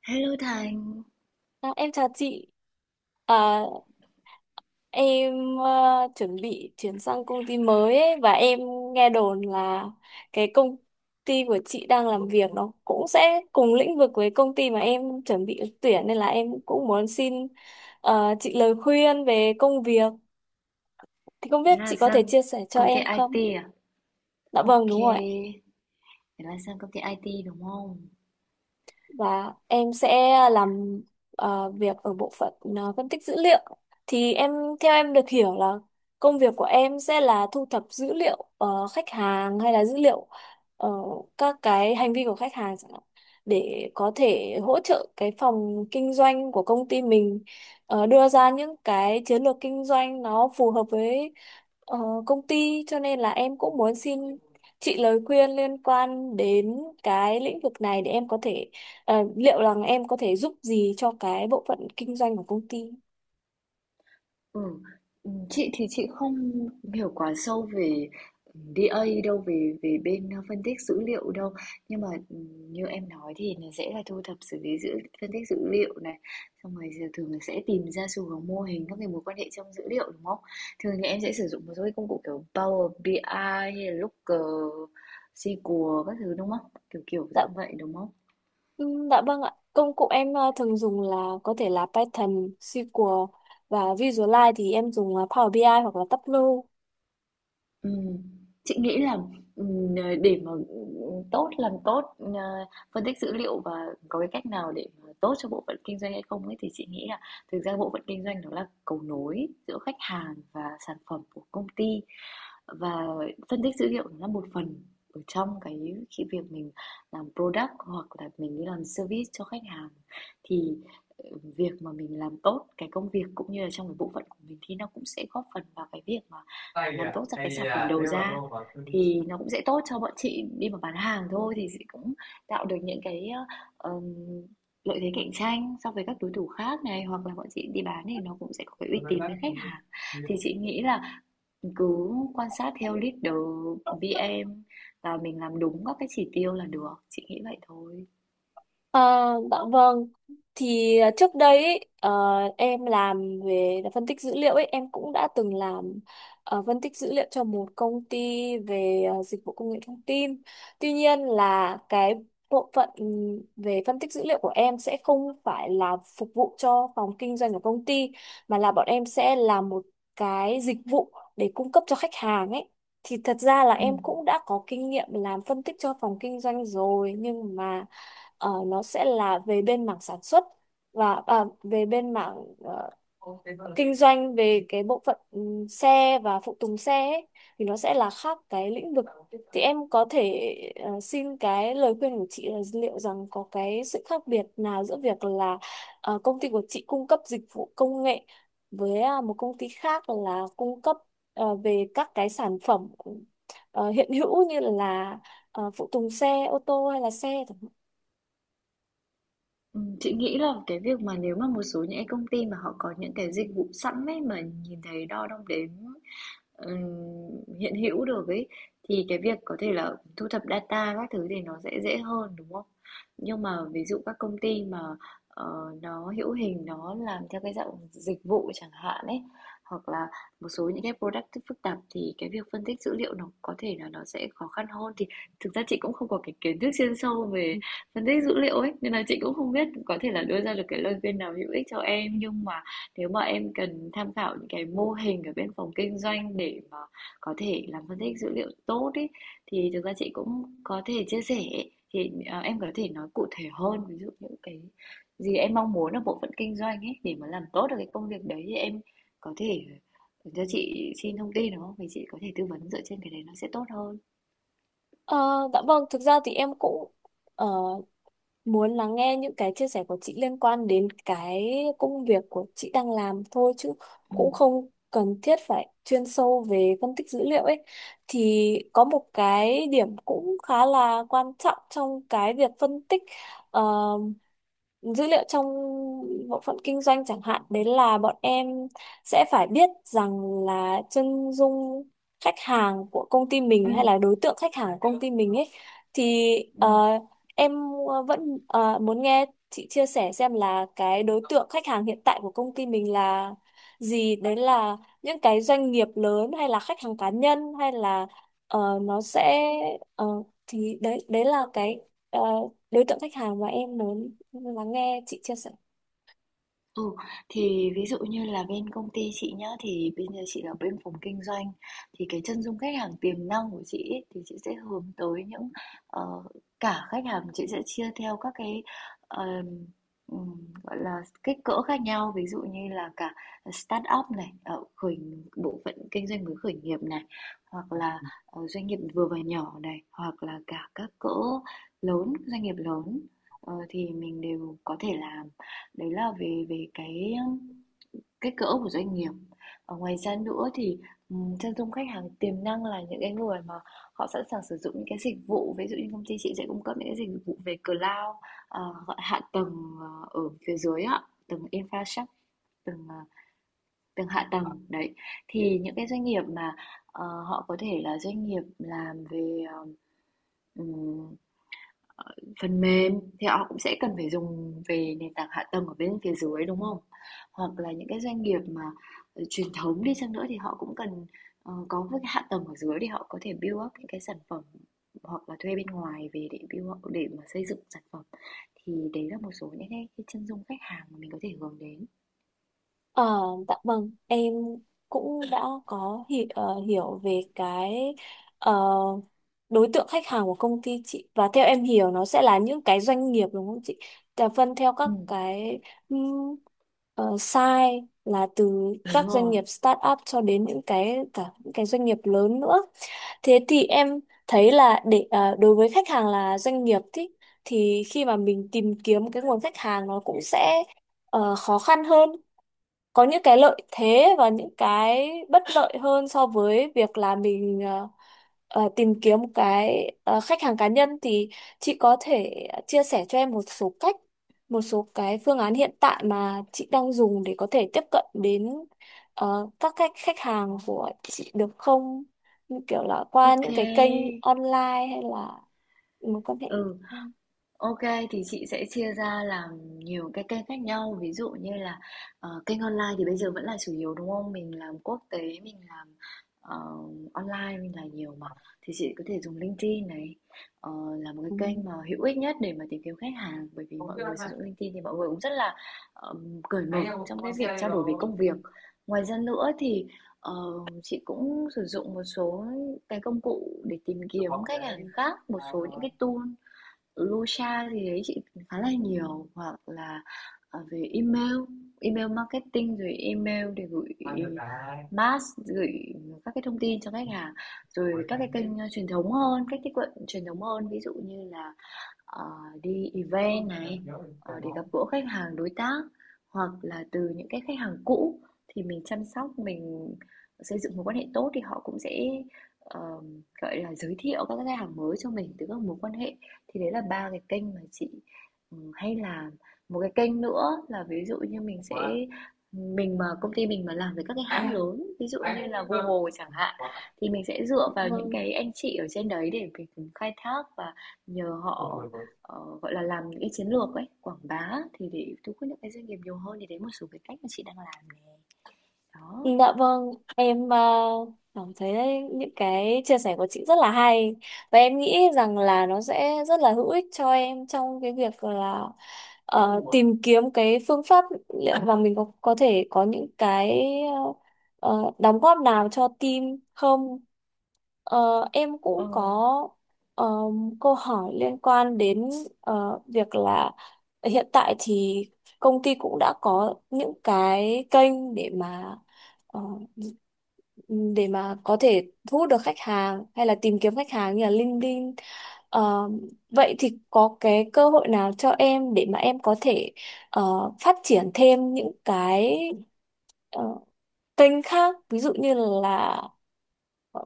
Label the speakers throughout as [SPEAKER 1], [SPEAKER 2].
[SPEAKER 1] Hello Thành,
[SPEAKER 2] Em chào chị. À, em chuẩn bị chuyển sang công ty mới ấy, và em nghe đồn là cái công ty của chị đang làm việc nó cũng sẽ cùng lĩnh vực với công ty mà em chuẩn bị ứng tuyển nên là em cũng muốn xin chị lời khuyên về công việc. Thì không
[SPEAKER 1] thế
[SPEAKER 2] biết
[SPEAKER 1] là
[SPEAKER 2] chị có thể
[SPEAKER 1] sang
[SPEAKER 2] chia sẻ cho
[SPEAKER 1] công ty
[SPEAKER 2] em không?
[SPEAKER 1] IT à?
[SPEAKER 2] Dạ vâng,
[SPEAKER 1] Ok,
[SPEAKER 2] đúng rồi.
[SPEAKER 1] thế là sang công ty IT đúng không?
[SPEAKER 2] Và em sẽ làm việc ở bộ phận phân tích dữ liệu thì em theo em được hiểu là công việc của em sẽ là thu thập dữ liệu khách hàng hay là dữ liệu ờ, các cái hành vi của khách hàng chẳng hạn để có thể hỗ trợ cái phòng kinh doanh của công ty mình, đưa ra những cái chiến lược kinh doanh nó phù hợp với ờ, công ty, cho nên là em cũng muốn xin chị lời khuyên liên quan đến cái lĩnh vực này để em có thể. Liệu rằng em có thể giúp gì cho cái bộ phận kinh doanh của công ty?
[SPEAKER 1] Ừ. Ừ, chị thì chị không hiểu quá sâu về DA đâu, về về bên phân tích dữ liệu đâu, nhưng mà như em nói thì nó sẽ là thu thập xử lý phân tích dữ liệu này, xong rồi giờ thường là sẽ tìm ra xu hướng, mô hình, các cái mối quan hệ trong dữ liệu, đúng không? Thường thì em sẽ sử dụng một số cái công cụ kiểu Power BI ai hay là Looker, SQL các thứ, đúng không? Kiểu kiểu
[SPEAKER 2] Dạ,
[SPEAKER 1] dạng vậy, đúng không?
[SPEAKER 2] dạ vâng ạ. Công cụ em thường dùng là có thể là Python, SQL và Visualize, thì em dùng Power BI ai hoặc là Tableau.
[SPEAKER 1] Ừm, chị nghĩ là, để mà, làm tốt, phân tích dữ liệu và có cái cách nào để mà tốt cho bộ phận kinh doanh hay không ấy, thì chị nghĩ là thực ra bộ phận kinh doanh đó là cầu nối giữa khách hàng và sản phẩm của công ty, và phân tích dữ liệu nó là một phần ở trong cái khi việc mình làm product hoặc là mình đi làm service cho khách hàng thì ờ, việc mà mình làm tốt cái công việc cũng như là trong cái bộ phận của mình thì nó cũng sẽ góp phần vào cái việc mà làm tốt ra cái sản phẩm đầu ra, thì nó cũng sẽ tốt cho bọn chị đi mà bán hàng thôi, thì sẽ cũng tạo được những cái ờ, lợi thế cạnh tranh so với các đối thủ khác này, hoặc là bọn chị đi bán thì nó cũng sẽ có cái uy tín với khách hàng. Thì chị nghĩ là mình cứ quan sát theo leader VM và mình làm đúng các cái chỉ tiêu là được. Chị nghĩ vậy thôi.
[SPEAKER 2] Ờ, dạ vâng. Thì à, trước đây ý, em làm về phân tích dữ liệu ấy, em cũng đã từng làm phân tích dữ liệu cho một công ty về dịch vụ công nghệ thông tin. Tuy nhiên là cái bộ phận về phân tích dữ liệu của em sẽ không phải là phục vụ cho phòng kinh doanh của công ty, mà là bọn em sẽ làm một cái dịch vụ để cung cấp cho khách hàng ấy. Thì thật ra là
[SPEAKER 1] Ừ.
[SPEAKER 2] em cũng đã có kinh nghiệm làm phân tích cho phòng kinh doanh rồi, nhưng mà nó sẽ là về bên mảng sản xuất và à, về bên mảng ờ, kinh doanh về cái bộ phận xe và phụ tùng xe ấy, thì nó sẽ là khác cái lĩnh vực. Thì em có thể xin cái lời khuyên của chị là liệu rằng có cái sự khác biệt nào giữa việc là công ty của chị cung cấp dịch vụ công nghệ với à, một công ty khác là cung cấp về các cái sản phẩm hiện hữu như là phụ tùng xe ô tô hay là xe.
[SPEAKER 1] Ừ, chị nghĩ là cái việc mà nếu mà một số những cái công ty mà họ có những cái dịch vụ sẵn ấy mà nhìn thấy, đo, đong đếm, ừm, hiện hữu được ấy, thì cái việc có thể là thu thập data các thứ thì nó sẽ dễ hơn, đúng không? Nhưng mà ví dụ các công ty mà ờ, nó hữu hình, nó làm theo cái dạng dịch vụ chẳng hạn ấy, hoặc là một số những cái product phức tạp thì cái việc phân tích dữ liệu nó có thể là nó sẽ khó khăn hơn. Thì thực ra chị cũng không có cái kiến thức chuyên sâu về phân tích dữ liệu ấy, nên là chị cũng không biết có thể là đưa ra được cái lời khuyên nào hữu ích cho em, nhưng mà nếu mà em cần tham khảo những cái mô hình ở bên phòng kinh doanh để mà có thể làm phân tích dữ liệu tốt ý, thì thực ra chị cũng có thể chia sẻ. Thì à, em có thể nói cụ thể hơn ví dụ những cái gì em mong muốn ở bộ phận kinh doanh ấy để mà làm tốt được cái công việc đấy thì em có thể cho chị xin thông tin, đúng không? Thì chị có thể tư vấn dựa trên cái đấy, nó sẽ tốt hơn.
[SPEAKER 2] Ờ, dạ vâng, thực ra thì em cũng ờ, muốn lắng nghe những cái chia sẻ của chị liên quan đến cái công việc của chị đang làm thôi, chứ
[SPEAKER 1] Ừ.
[SPEAKER 2] cũng không cần thiết phải chuyên sâu về phân tích dữ liệu ấy. Thì có một cái điểm cũng khá là quan trọng trong cái việc phân tích ờ, dữ liệu trong bộ phận kinh doanh chẳng hạn, đấy là bọn em sẽ phải biết rằng là chân dung khách hàng của công ty
[SPEAKER 1] Ừ.
[SPEAKER 2] mình hay là đối tượng khách hàng của công ty mình ấy, thì
[SPEAKER 1] Ừ.
[SPEAKER 2] em vẫn muốn nghe chị chia sẻ xem là cái đối tượng khách hàng hiện tại của công ty mình là gì, đấy là những cái doanh nghiệp lớn hay là khách hàng cá nhân hay là nó sẽ ờ, thì đấy đấy là cái ờ, đối tượng khách hàng mà em muốn lắng nghe chị chia sẻ.
[SPEAKER 1] Ừ, thì ví dụ như là bên công ty chị nhá, thì bây giờ chị ở bên phòng kinh doanh thì cái chân dung khách hàng tiềm năng của chị ấy, thì chị sẽ hướng tới những ờ, cả khách hàng, chị sẽ chia theo các cái ờm, gọi là kích cỡ khác nhau, ví dụ như là cả start up này, ờ, khởi bộ phận kinh doanh mới khởi nghiệp này, hoặc là doanh nghiệp vừa và nhỏ này, hoặc là cả các cỡ lớn, doanh nghiệp lớn. Ờ, thì mình đều có thể làm. Đấy là về về cái, kích cỡ của doanh nghiệp. Ờ, ngoài ra nữa thì, chân dung khách hàng tiềm năng là những cái người mà họ sẵn sàng sử dụng những cái dịch vụ, ví dụ như công ty chị sẽ cung cấp những cái dịch vụ về cloud, gọi hạ tầng, ở phía dưới á, tầng infrastruct tầng, tầng hạ tầng, đấy. Thì những cái doanh nghiệp mà, họ có thể là doanh nghiệp làm về, ừm phần mềm, thì họ cũng sẽ cần phải dùng về nền tảng hạ tầng ở bên phía dưới, đúng không? Hoặc là những cái doanh nghiệp mà, truyền thống đi chăng nữa thì họ cũng cần, có một cái hạ tầng ở dưới để họ có thể build up những cái sản phẩm, hoặc là thuê bên ngoài về để build up để mà xây dựng sản phẩm. Thì đấy là một số những cái chân dung khách hàng mà mình có thể hướng đến.
[SPEAKER 2] Ờ, dạ vâng, em cũng đã có hiểu về cái ờ, đối tượng khách hàng của công ty chị, và theo em hiểu nó sẽ là những cái doanh nghiệp đúng không chị? Là phân theo các
[SPEAKER 1] Ừm,
[SPEAKER 2] cái um, size là từ
[SPEAKER 1] đúng
[SPEAKER 2] các doanh
[SPEAKER 1] rồi.
[SPEAKER 2] nghiệp start up cho đến những cái cả những cái doanh nghiệp lớn nữa. Thế thì em thấy là để đối với khách hàng là doanh nghiệp thì khi mà mình tìm kiếm cái nguồn khách hàng, nó cũng sẽ khó khăn hơn, có những cái lợi thế và những cái bất lợi hơn so với việc là mình tìm kiếm một cái khách hàng cá nhân. Thì chị có thể chia sẻ cho em một số cách, một số cái phương án hiện tại mà chị đang dùng để có thể tiếp cận đến các khách khách hàng của chị được không? Như kiểu là qua
[SPEAKER 1] Ok.
[SPEAKER 2] những cái kênh online hay là mối quan hệ.
[SPEAKER 1] Ừ. OK, thì chị sẽ chia ra làm nhiều cái kênh khác nhau. Ví dụ như là kênh online thì bây giờ vẫn là chủ yếu, đúng không? Mình làm quốc tế, mình làm ờ, online, mình là nhiều mà. Thì chị có thể dùng LinkedIn này, ờ, là một cái
[SPEAKER 2] Ừ.
[SPEAKER 1] kênh mà hữu ích nhất để mà tìm kiếm khách hàng. Bởi vì mọi người sử dụng LinkedIn thì mọi người cũng rất là cởi mở trong cái việc trao đổi về công việc. Ngoài ra nữa thì ờ, chị cũng sử dụng một số cái công cụ để tìm kiếm khách hàng khác, một số những cái tool Lucha thì thấy chị khá là nhiều, hoặc là về email, email marketing, rồi email để gửi mass, gửi các cái thông tin cho khách hàng, rồi các cái kênh truyền thống hơn, cách tiếp cận truyền thống hơn, ví dụ như là ờ, đi event này, để gặp gỡ khách hàng đối tác, hoặc là từ những cái khách hàng cũ thì mình chăm sóc, mình xây dựng mối quan hệ tốt thì họ cũng sẽ ờ, gọi là giới thiệu các khách hàng mới cho mình từ các mối quan hệ. Thì đấy là 3 cái kênh mà chị hay làm. Một cái kênh nữa là ví dụ như mình mà công ty mình mà làm với các cái hãng lớn ví dụ như là Google chẳng hạn thì mình sẽ dựa vào những
[SPEAKER 2] Vâng.
[SPEAKER 1] cái anh chị ở trên đấy để mình khai thác và nhờ họ gọi là làm những cái chiến lược ấy, quảng bá thì để thu hút những cái doanh nghiệp nhiều hơn. Thì đấy một số cái cách mà chị đang làm này. Đó.
[SPEAKER 2] Dạ vâng, em cảm thấy những cái chia sẻ của chị rất là hay, và em nghĩ rằng là nó sẽ rất là hữu ích cho em trong cái việc là tìm kiếm cái phương pháp liệu mà mình có thể có những cái đóng góp nào cho team không. Ờ, em
[SPEAKER 1] ờ,
[SPEAKER 2] cũng có ờ, câu hỏi liên quan đến việc là hiện tại thì công ty cũng đã có những cái kênh để mà ờ, để mà có thể thu hút được khách hàng hay là tìm kiếm khách hàng như là LinkedIn. Ờ, vậy thì có cái cơ hội nào cho em để mà em có thể phát triển thêm những cái ờ, kênh khác, ví dụ như là ờ,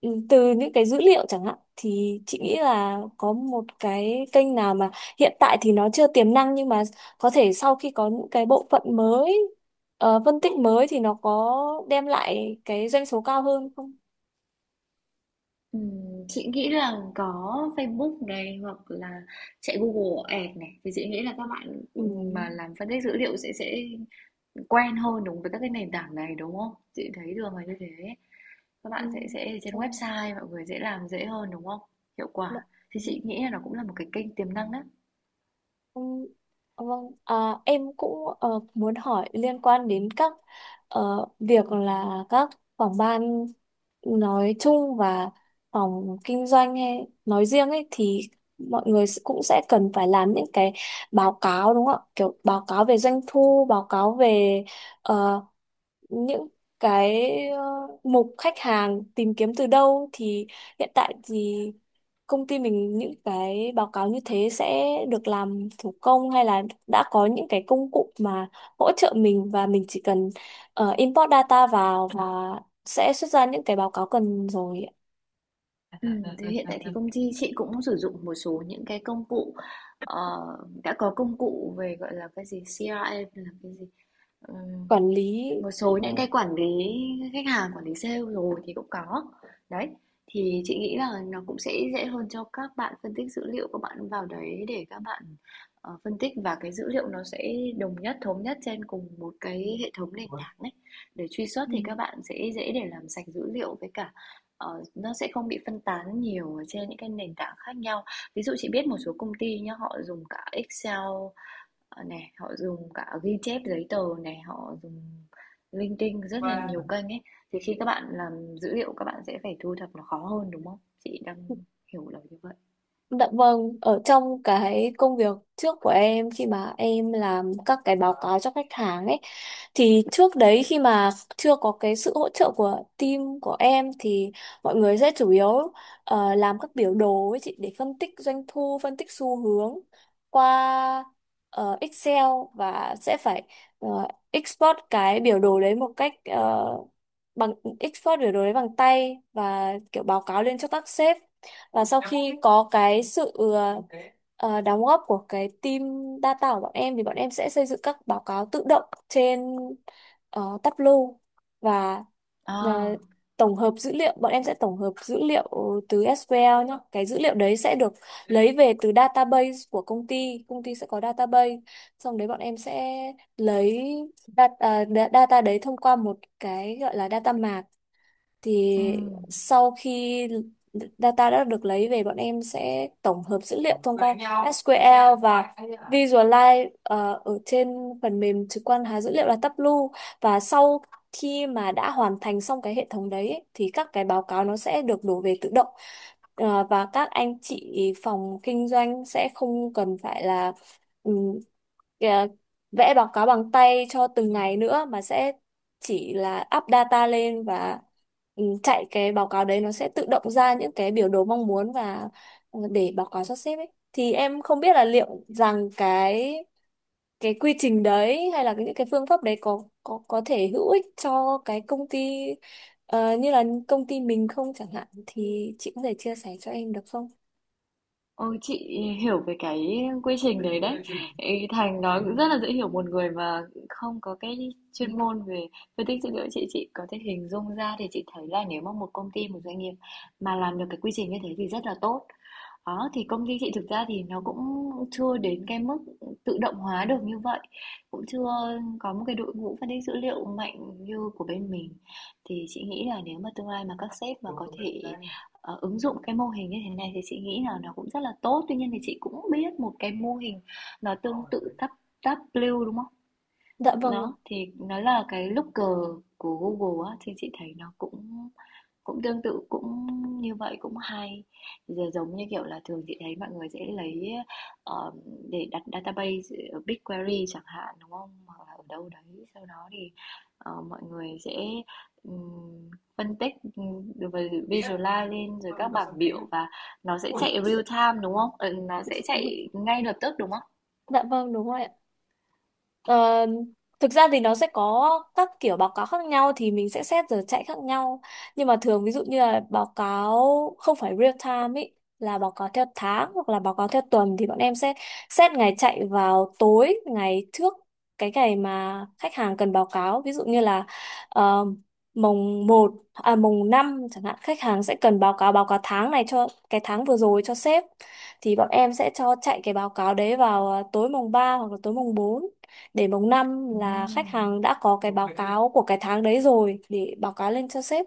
[SPEAKER 2] ừ, từ những cái dữ liệu chẳng hạn, thì chị nghĩ là có một cái kênh nào mà hiện tại thì nó chưa tiềm năng, nhưng mà có thể sau khi có những cái bộ phận mới phân tích mới thì nó có đem lại cái doanh số cao hơn không?
[SPEAKER 1] chị nghĩ là có Facebook này, hoặc là chạy Google Ads này thì chị nghĩ là các bạn
[SPEAKER 2] Ừ.
[SPEAKER 1] mà làm phân tích dữ liệu sẽ quen hơn, đúng với các cái nền tảng này, đúng không? Chị thấy thường là như thế. Các
[SPEAKER 2] Ừ.
[SPEAKER 1] bạn sẽ trên website mọi người dễ làm, dễ hơn, đúng không? Hiệu quả. Thì
[SPEAKER 2] Ừ.
[SPEAKER 1] chị nghĩ là nó cũng là một cái kênh tiềm năng đấy.
[SPEAKER 2] Ừ, vâng, à, em cũng muốn hỏi liên quan đến các việc là các phòng ban nói chung và phòng kinh doanh hay nói riêng ấy, thì mọi người cũng sẽ cần phải làm những cái báo cáo đúng không ạ? Kiểu báo cáo về doanh thu, báo cáo về ờ, những cái ờ, mục khách hàng tìm kiếm từ đâu, thì hiện tại thì công ty mình những cái báo cáo như thế sẽ được làm thủ công hay là đã có những cái công cụ mà hỗ trợ mình và mình chỉ cần import data vào và sẽ xuất ra những cái báo cáo cần rồi
[SPEAKER 1] Thì hiện tại thì công ty chị cũng sử dụng một số những cái công cụ, ờ, đã có công cụ về, gọi là, cái gì, CRM, hay là cái gì?
[SPEAKER 2] quản lý
[SPEAKER 1] Một số
[SPEAKER 2] ờ,
[SPEAKER 1] những cái quản lý khách hàng, quản lý sale rồi thì cũng có. Đấy, thì chị nghĩ là nó cũng sẽ dễ hơn cho các bạn phân tích dữ liệu, các bạn vào đấy để các bạn phân tích, và cái dữ liệu nó sẽ đồng nhất, thống nhất trên cùng một cái hệ thống nền tảng đấy. Để truy xuất
[SPEAKER 2] ừ.
[SPEAKER 1] thì các bạn sẽ dễ để làm sạch dữ liệu với cả, nó sẽ không bị phân tán nhiều ở trên những cái nền tảng khác nhau. Ví dụ chị biết một số công ty nhá, họ dùng cả Excel, ờ, này, họ dùng cả ghi chép giấy tờ này, họ dùng linh tinh rất là nhiều kênh ấy. Thì khi các bạn làm dữ liệu các bạn sẽ phải thu thập nó khó hơn, đúng không? Chị đang hiểu là như vậy.
[SPEAKER 2] Dạ vâng, ở trong cái công việc trước của em khi mà em làm các cái báo cáo cho khách hàng ấy, thì trước đấy khi mà chưa có cái sự hỗ trợ của team của em thì mọi người sẽ chủ yếu làm các biểu đồ ấy chị, để phân tích doanh thu, phân tích xu hướng qua Excel và sẽ phải ờ, export cái biểu đồ đấy một cách, ờ, bằng biểu đồ đấy bằng tay và kiểu báo cáo lên cho các sếp. Và sau khi có cái sự đóng góp của cái team data của bọn em, thì bọn em sẽ xây dựng các báo cáo tự động trên Tableau và ờ,
[SPEAKER 1] À.
[SPEAKER 2] tổng hợp dữ liệu bọn em sẽ tổng hợp dữ liệu từ SQL nhá, cái dữ liệu đấy sẽ được lấy về từ database của công ty, sẽ có database, xong đấy bọn em sẽ lấy data đấy thông qua một cái gọi là data mart. Thì
[SPEAKER 1] Ừm.
[SPEAKER 2] sau khi data đã được lấy về, bọn em sẽ tổng hợp dữ liệu thông qua SQL và Visualize ở trên phần mềm trực quan hóa dữ liệu là Tableau. Và sau khi mà đã hoàn thành xong cái hệ thống đấy ấy, thì các cái báo cáo nó sẽ được đổ về tự động. Ờ, và các anh chị phòng kinh doanh sẽ không cần phải là, ừ, kìa, vẽ bằng tay cho từng ngày nữa, mà sẽ chỉ là up data lên và ừ, chạy cái báo cáo đấy, nó sẽ tự động ra những cái biểu đồ mong muốn và ừ, để báo cáo cho sếp ấy. Thì em không biết là liệu rằng cái quy trình đấy hay là những cái phương pháp đấy có thể hữu ích cho cái công ty như là công ty mình không chẳng hạn, thì chị có thể chia sẻ cho em được không?
[SPEAKER 1] Ôi chị hiểu về cái quy trình đấy đấy. Ý, Thành nói cũng rất là dễ hiểu, một người mà không có cái chuyên môn về phân tích dữ liệu chị có thể hình dung ra. Thì chị thấy là nếu mà một công ty, một doanh nghiệp mà làm được cái quy trình như thế thì rất là tốt. Đó, thì công ty chị thực ra thì nó cũng chưa đến cái mức tự động hóa được như vậy, cũng chưa có một cái đội ngũ phân tích dữ liệu mạnh như của bên mình. Thì chị nghĩ là nếu mà tương lai mà các sếp mà có thể ứng dụng cái mô hình như thế này thì chị nghĩ là nó cũng rất là tốt. Tuy nhiên thì chị cũng biết một cái mô hình nó tương tự Tab Tab, đúng không?
[SPEAKER 2] Dạ vâng ạ.
[SPEAKER 1] Đó, thì nó là cái looker của Google á, thì chị thấy nó cũng cũng tương tự, cũng như vậy cũng hay. Giờ giống như, kiểu là, thường chị thấy mọi người sẽ lấy, ờ, để đặt database ở BigQuery chẳng hạn, đúng không? Hoặc là ở đâu đấy, sau đó thì mọi người sẽ ừm, phân tích, rồi visualize lên rồi các bảng biểu, và nó sẽ chạy real time, đúng không? Ừ, nó sẽ chạy ngay lập tức, đúng không?
[SPEAKER 2] Dạ vâng đúng rồi ạ. Ờ, thực ra thì nó sẽ có các kiểu báo cáo khác nhau, thì mình sẽ xét giờ chạy khác nhau. Nhưng mà thường ví dụ như là báo cáo không phải real time ý, là báo cáo theo tháng hoặc là báo cáo theo tuần, thì bọn em sẽ xét ngày chạy vào tối ngày trước cái ngày mà khách hàng cần báo cáo. Ví dụ như là ờ, mùng một à mùng 5 chẳng hạn, khách hàng sẽ cần báo cáo tháng này cho cái tháng vừa rồi cho sếp, thì bọn em sẽ cho chạy cái báo cáo đấy vào tối mùng 3 hoặc là tối mùng bốn. Đến mùng 5 là khách
[SPEAKER 1] Ừm.
[SPEAKER 2] hàng đã có cái báo cáo của cái tháng đấy rồi để báo cáo lên cho sếp.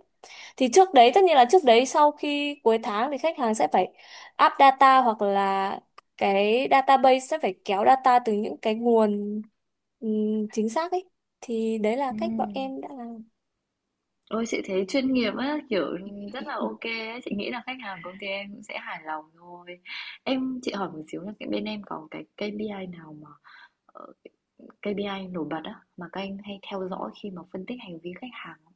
[SPEAKER 2] Thì trước đấy, tất nhiên là trước đấy, sau khi cuối tháng thì khách hàng sẽ phải up data hoặc là cái database sẽ phải kéo data từ những cái nguồn chính xác ấy. Thì đấy là cách bọn
[SPEAKER 1] Ừm.
[SPEAKER 2] em đã làm.
[SPEAKER 1] Ôi chị thấy chuyên nghiệp á, kiểu rất là ok á, chị nghĩ là khách hàng công ty em cũng sẽ hài lòng thôi. Em, chị hỏi một xíu là cái bên em có cái KPI nào mà ờ, KPI nổi bật á mà các anh hay theo dõi khi mà phân tích hành vi khách hàng không?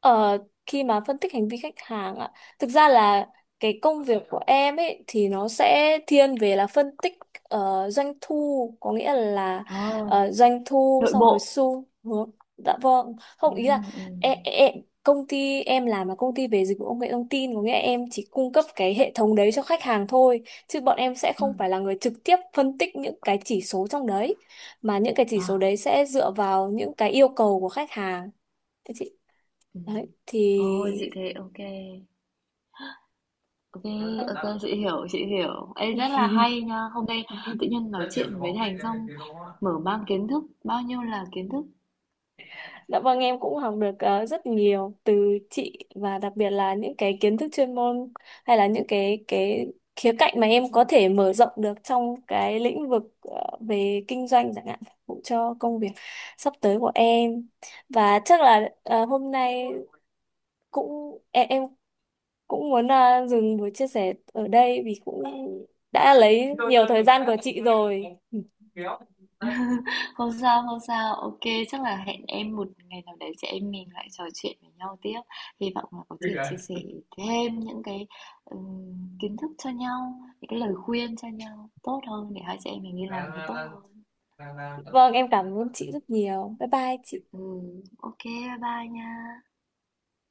[SPEAKER 2] Ờ, khi mà phân tích hành vi khách hàng ạ, thực ra là cái công việc của em ấy thì nó sẽ thiên về là phân tích doanh thu, có nghĩa là
[SPEAKER 1] Ờ,
[SPEAKER 2] doanh thu
[SPEAKER 1] nội
[SPEAKER 2] xong rồi
[SPEAKER 1] bộ.
[SPEAKER 2] xu hướng. Dạ vâng,
[SPEAKER 1] Ừ,
[SPEAKER 2] không ý là
[SPEAKER 1] ừ,
[SPEAKER 2] em, công ty em làm là công ty về dịch vụ công nghệ thông tin, có nghĩa là em chỉ cung cấp cái hệ thống đấy cho khách hàng thôi, chứ bọn em sẽ
[SPEAKER 1] ừ.
[SPEAKER 2] không phải là người trực tiếp phân tích những cái chỉ số trong đấy, mà những cái chỉ số
[SPEAKER 1] À,
[SPEAKER 2] đấy sẽ dựa vào những cái yêu cầu của khách hàng.
[SPEAKER 1] ừ.
[SPEAKER 2] Đấy, thì
[SPEAKER 1] Ôi chị thấy ok. Ok,
[SPEAKER 2] không.
[SPEAKER 1] ok, chị hiểu, chị hiểu. Ê rất là hay nha. Hôm nay tự nhiên nói chuyện với Thành xong mở mang kiến thức, bao nhiêu là kiến thức.
[SPEAKER 2] Dạ vâng em cũng học được rất nhiều từ chị, và đặc biệt là những cái kiến thức chuyên môn hay là những cái khía cạnh mà em có thể mở rộng được trong cái lĩnh vực về kinh doanh chẳng hạn, phục vụ cho công việc sắp tới của em. Và chắc là hôm nay cũng em cũng muốn dừng buổi chia sẻ ở đây vì cũng đã lấy nhiều thời gian của chị rồi.
[SPEAKER 1] Không sao, không sao. Ok, chắc là hẹn em một ngày nào đấy chị em mình lại trò chuyện với nhau tiếp. Hy vọng là có thể chia sẻ thêm những cái kiến thức cho nhau, những cái lời khuyên cho nhau tốt hơn để hai chị em mình đi làm nó tốt hơn.
[SPEAKER 2] Vâng, em cảm ơn chị rất nhiều. Bye bye chị.
[SPEAKER 1] Ừ, ô, bye bye nha.